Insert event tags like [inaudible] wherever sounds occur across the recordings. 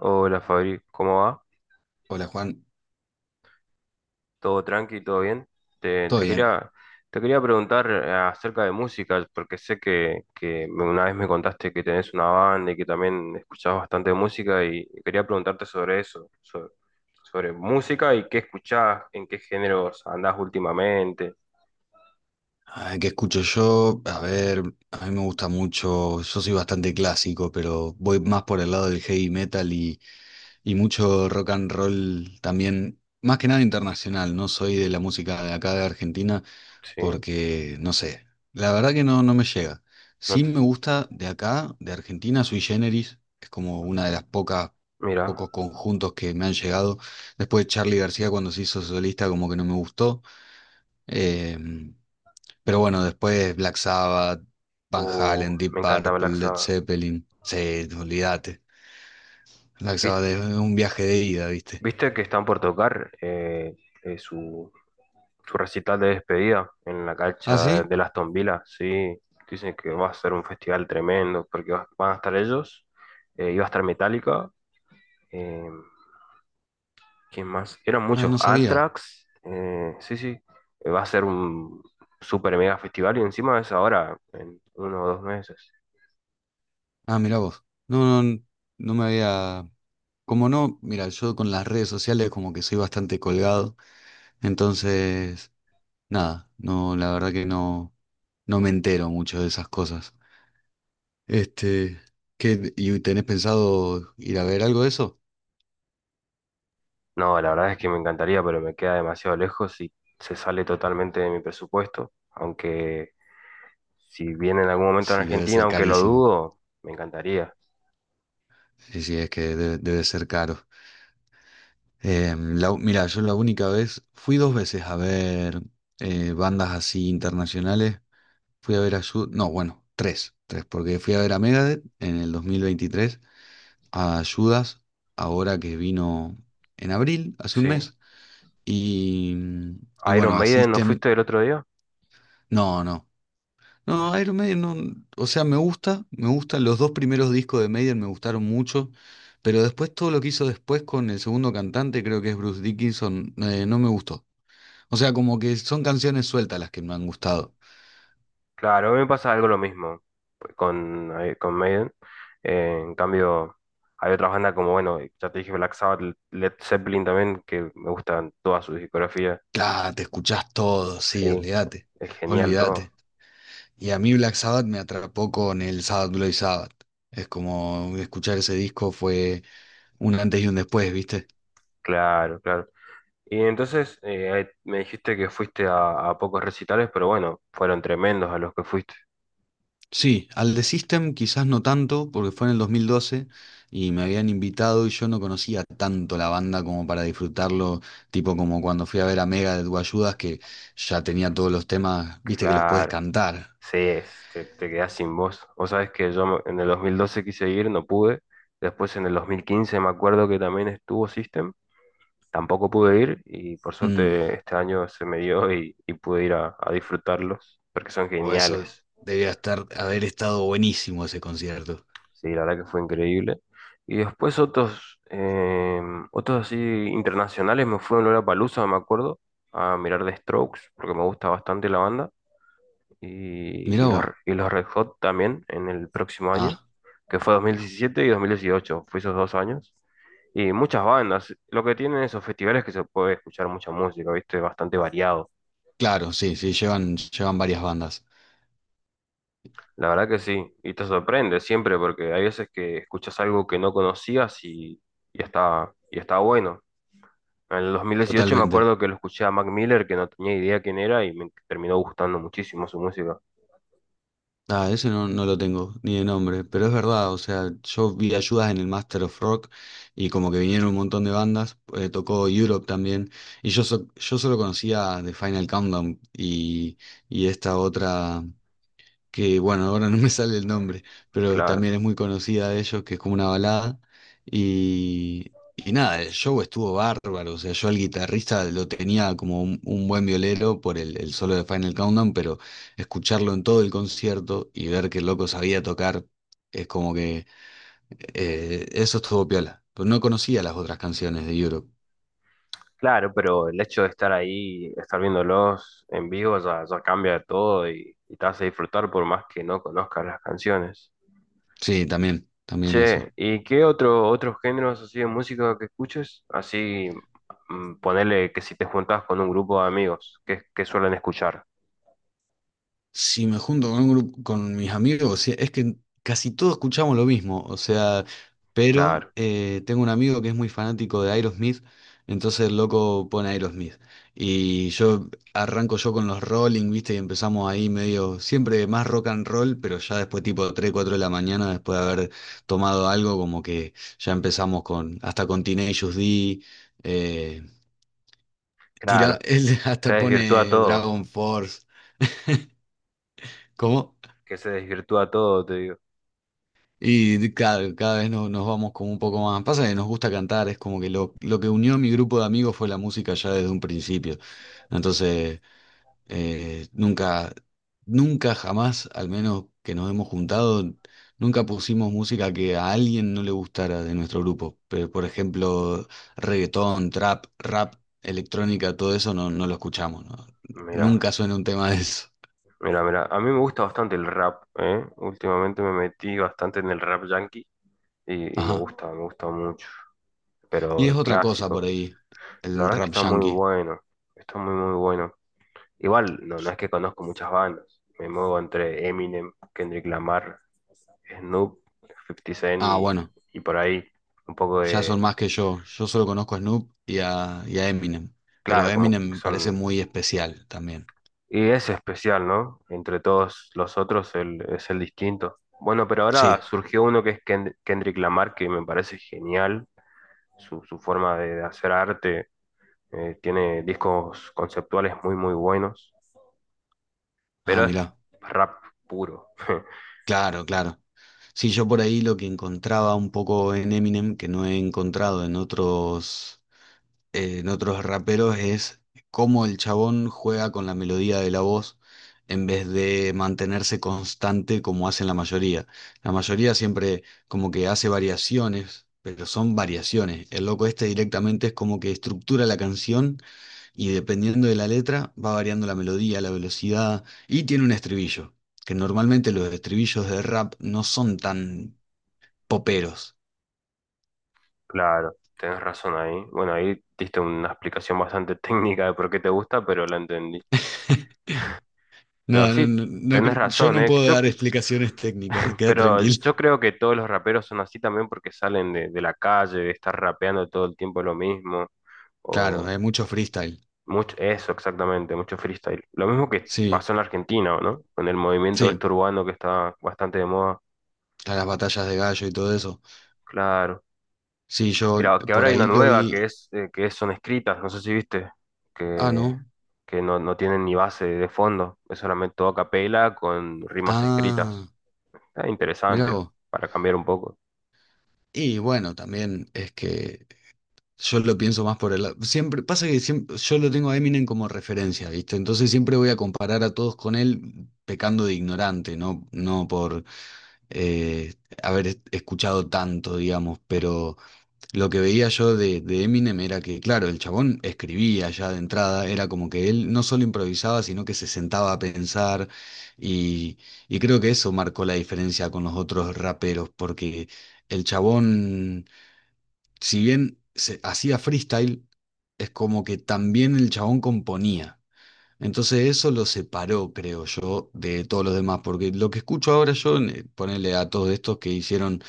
Hola Fabri, ¿cómo va? Hola Juan, ¿Todo tranqui? ¿Todo bien? Te, ¿todo te bien? quería, te quería preguntar acerca de música, porque sé que una vez me contaste que tenés una banda y que también escuchás bastante música y quería preguntarte sobre eso, sobre música y qué escuchás, en qué géneros andás últimamente. Ah, ¿qué escucho yo? A ver, a mí me gusta mucho, yo soy bastante clásico, pero voy más por el lado del heavy metal y mucho rock and roll también, más que nada internacional, no soy de la música de acá de Argentina Sí, porque, no sé, la verdad que no, no me llega. no Sí te- me gusta de acá, de Argentina, Sui Generis, es como una de las pocas, mira, pocos conjuntos que me han llegado. Después Charly García cuando se hizo solista como que no me gustó. Em, pero bueno, después Black Sabbath, Van Halen, me Deep encanta Purple, Black Led Sabbath. Zeppelin. Sí, olvídate. Black Sabbath ¿Viste, es un viaje de ida, ¿viste? viste que están por tocar eh, su, su recital de despedida en la ¿Ah, cancha sí? de Aston Villa, sí. Dicen que va a ser un festival tremendo, porque van a estar ellos, iba a estar Metallica, eh, ¿quién más? Eran Ah, muchos, no sabía. Anthrax, sí, sí. Va a ser un super mega festival y encima es ahora, en uno o dos meses. Ah, mira vos. No, no, no me había. Como no, mira, yo con las redes sociales como que soy bastante colgado, entonces, nada, no, la verdad que no, no me entero mucho de esas cosas. Este, y tenés pensado ir a ver algo de eso? No, la verdad es que me encantaría, pero me queda demasiado lejos y se sale totalmente de mi presupuesto, aunque si viene en algún momento en Sí, debe Argentina, ser aunque lo carísimo. dudo, me encantaría, Sí, sí, es que debe ser caro. Mira, yo la única vez, fui dos veces a ver bandas así internacionales. Fui a ver a Judas, no, bueno, tres, porque fui a ver a Megadeth en el 2023, a Judas, ahora que vino en abril, hace un sí. mes, y, y Iron bueno, a Maiden, ¿no System, fuiste el otro día? no, no. No, Iron Maiden no, o sea, me gusta, me gustan los dos primeros discos de Maiden, me gustaron mucho, pero después todo lo que hizo después con el segundo cantante, creo que es Bruce Dickinson, no me gustó. O sea, como que son canciones sueltas las que me han gustado. Claro, me pasa algo lo mismo pues, con Maiden. En cambio, hay otras bandas como, bueno, ya te dije Black Sabbath, Led Zeppelin también, que me gustan todas sus discografías. Claro, te escuchás todo, sí, Sí, olvídate, es genial todo. olvídate. Y a mí Black Sabbath me atrapó con el Sabbath Bloody Sabbath. Es como escuchar ese disco fue un antes y un después, ¿viste? Claro, claro. Y entonces ahí me dijiste que fuiste a pocos recitales, pero bueno, fueron tremendos a los que fuiste. Sí, al The System quizás no tanto, porque fue en el 2012 y me habían invitado y yo no conocía tanto la banda como para disfrutarlo, tipo como cuando fui a ver a Mega de Ayudas que ya tenía todos los temas, viste que los puedes Claro. cantar. Sí, te quedás sin voz. Vos sabés que yo en el 2012 quise ir, no pude. Después en el 2015 me acuerdo que también estuvo System, tampoco pude ir y por Mm, suerte este año se me dio y pude ir a disfrutarlos porque son o eso geniales. debía estar, haber estado buenísimo ese concierto. Sí, la verdad que fue increíble. Y después otros así internacionales me fui a Lollapalooza, me acuerdo, a mirar The Strokes porque me gusta bastante la banda. y, Mirá y los, vos. y los Red Hot también en el próximo año, Ah, que fue 2017 y 2018, fue esos dos años. Y muchas bandas, lo que tienen esos festivales es que se puede escuchar mucha música, ¿viste? Bastante variado. claro, sí, sí, llevan varias bandas. La verdad que sí, y te sorprende siempre porque hay veces que escuchas algo que no conocías y está bueno. En el 2018 me Totalmente. acuerdo que lo escuché a Mac Miller, que no tenía idea quién era, y me terminó gustando muchísimo su música. Ah, ese no, no lo tengo, ni de nombre, pero es verdad, o sea, yo vi ayudas en el Master of Rock y como que vinieron un montón de bandas, tocó Europe también, y yo solo conocía The Final Countdown y esta otra, que bueno, ahora no me sale el nombre, pero Claro. también es muy conocida de ellos, que es como una balada. Y nada, el show estuvo bárbaro, o sea, yo al guitarrista lo tenía como un buen violero por el solo de Final Countdown, pero escucharlo en todo el concierto y ver que el loco sabía tocar, es como que eso estuvo piola. Pero no conocía las otras canciones de Europe. Claro, pero el hecho de estar ahí, estar viéndolos en vivo, ya, ya cambia todo y te hace disfrutar por más que no conozcas las canciones. Sí, también, también eso. Che, ¿y qué otros géneros así de música que escuches? Así, ponele que si te juntás con un grupo de amigos, ¿qué suelen escuchar? Si me junto con un grupo, con mis amigos, sí, es que casi todos escuchamos lo mismo, o sea, pero Claro, tengo un amigo que es muy fanático de Aerosmith, entonces el loco pone Aerosmith. Y yo arranco yo con los Rolling, ¿viste? Y empezamos ahí medio, siempre más rock and roll, pero ya después tipo 3 4 de la mañana, después de haber tomado algo, como que ya empezamos con, hasta con Teenage Us D, eh, tira, claro. [laughs] él Se hasta desvirtúa pone todo, Dragon Force, ¿cómo? que se desvirtúa todo, te digo. Y de- cada vez nos vamos como un poco más. Pasa que nos gusta cantar, es como que lo que unió a mi grupo de amigos fue la música ya desde un principio. Entonces, eh, nunca, nunca jamás, al menos que nos hemos juntado, nunca pusimos música que a alguien no le gustara de nuestro grupo. Pero, por ejemplo, reggaetón, trap, rap, electrónica, todo eso no, no lo escuchamos, ¿no? Mira, Nunca suena un tema de eso. mira, mira. A mí me gusta bastante el rap, ¿eh? Últimamente me metí bastante en el rap yankee y me Ajá. gusta, me gusta mucho. Pero Y es el otra cosa por clásico. ahí, La el verdad es que rap está muy yankee. bueno, está muy, muy bueno. Igual, no, no es que conozco muchas bandas, me muevo entre Eminem, Kendrick Lamar, Snoop, Fifty Cent Ah, y, bueno. y por ahí un poco Ya de, son más que yo. Yo solo conozco a Snoop y a Eminem. Pero claro, como Eminem que me parece son. muy especial también. Y es especial, ¿no? Entre todos los otros el, es el distinto. Bueno, pero ahora Sí. surgió uno que es Kendrick Lamar, que me parece genial, su forma de hacer arte, tiene discos conceptuales muy, muy buenos. Ah, Pero es mirá. rap puro. [laughs] Claro, claro. Sí, yo por ahí lo que encontraba un poco en Eminem, que no he encontrado en otros. En otros raperos es cómo el chabón juega con la melodía de la voz en vez de mantenerse constante como hacen la mayoría. La mayoría siempre como que hace variaciones, pero son variaciones. El loco este directamente es como que estructura la canción y dependiendo de la letra va variando la melodía, la velocidad y tiene un estribillo, que normalmente los estribillos de rap no son tan poperos. Claro, tenés razón ahí. Bueno, ahí diste una explicación bastante [laughs] técnica de por qué te gusta, pero la entendí. [laughs] No, Pero no, sí, no, no tenés cre- yo razón, no ¿eh? puedo Yo, dar explicaciones técnicas, [laughs] queda pero tranquilo. yo creo que todos los raperos son así también porque salen de la calle, de estar rapeando todo el tiempo lo mismo, Claro, o hay mucho freestyle. mucho, eso exactamente, mucho freestyle. Lo mismo que Sí, pasó en la Argentina, ¿no? Con el movimiento sí, este urbano que está bastante de moda. a las batallas de gallo y todo eso. Claro. Sí, yo Creo que ahora por hay una ahí lo nueva que vi. es, eh, que son escritas, no sé si viste, Ah, que, no. que no, no tienen ni base de fondo, es solamente todo a capela con rimas Ah, escritas. Está mirá interesante vos. para cambiar un poco, Y bueno, también es que yo lo pienso más por el lado. Siempre, pasa que siempre, yo lo tengo a Eminem como referencia, ¿viste? Entonces siempre voy a comparar a todos con él pecando de ignorante, no por eh, escuchado tanto, digamos, pero. Lo que veía yo de Eminem era que, claro, el chabón escribía ya de entrada, era como que él no solo improvisaba, sino que se sentaba a pensar y, y creo que eso marcó la diferencia con los otros raperos, porque el chabón, si bien se hacía freestyle, es como que también el chabón componía. Entonces eso lo separó, creo yo, de todos los demás, porque lo que escucho ahora yo, ponerle a todos estos que hicieron,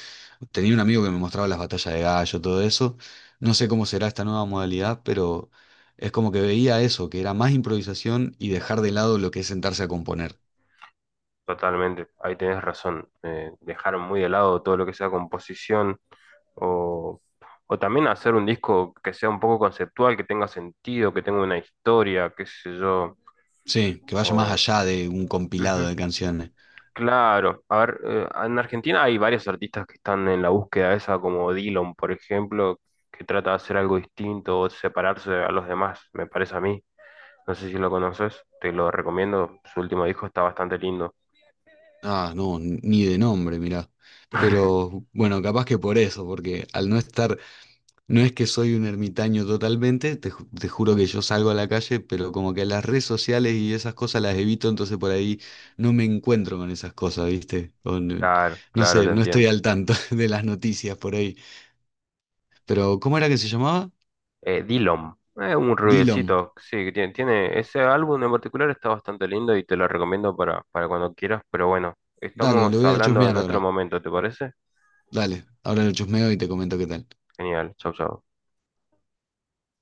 tenía un amigo que me mostraba las batallas de gallo, todo eso, no sé cómo será esta nueva modalidad, pero es como que veía eso, que era más improvisación y dejar de lado lo que es sentarse a componer. totalmente. Ahí tenés razón. Dejaron muy de lado todo lo que sea composición o, o también hacer un disco que sea un poco conceptual, que tenga sentido, que tenga una historia, qué sé yo. Sí, que vaya más O, allá de un compilado Ujú. de canciones. Claro, a ver, en Argentina hay varios artistas que están en la búsqueda esa, como Dillon, por ejemplo, que trata de hacer algo distinto o separarse a los demás, me parece a mí. No sé si lo conoces, te lo recomiendo. Su último disco está bastante lindo. Ah, no, ni de nombre, mirá. Pero bueno, capaz que por eso, porque al no estar. No es que soy un ermitaño totalmente, te juro que yo salgo a la calle, pero como que las redes sociales y esas cosas las evito, entonces por ahí no me encuentro con esas cosas, ¿viste? O no, Claro, no claro, sé, te no estoy entiendo. al tanto [laughs] de las noticias por ahí. Pero, ¿cómo era que se llamaba? Dillon, es un Dillom. rubiecito, sí, ese álbum en particular está bastante lindo y te lo recomiendo para cuando quieras, pero bueno, Dale, lo estamos voy a hablando en chusmear otro ahora. momento, ¿te parece? Dale, ahora lo chusmeo y te comento qué tal. Genial, chau, chau.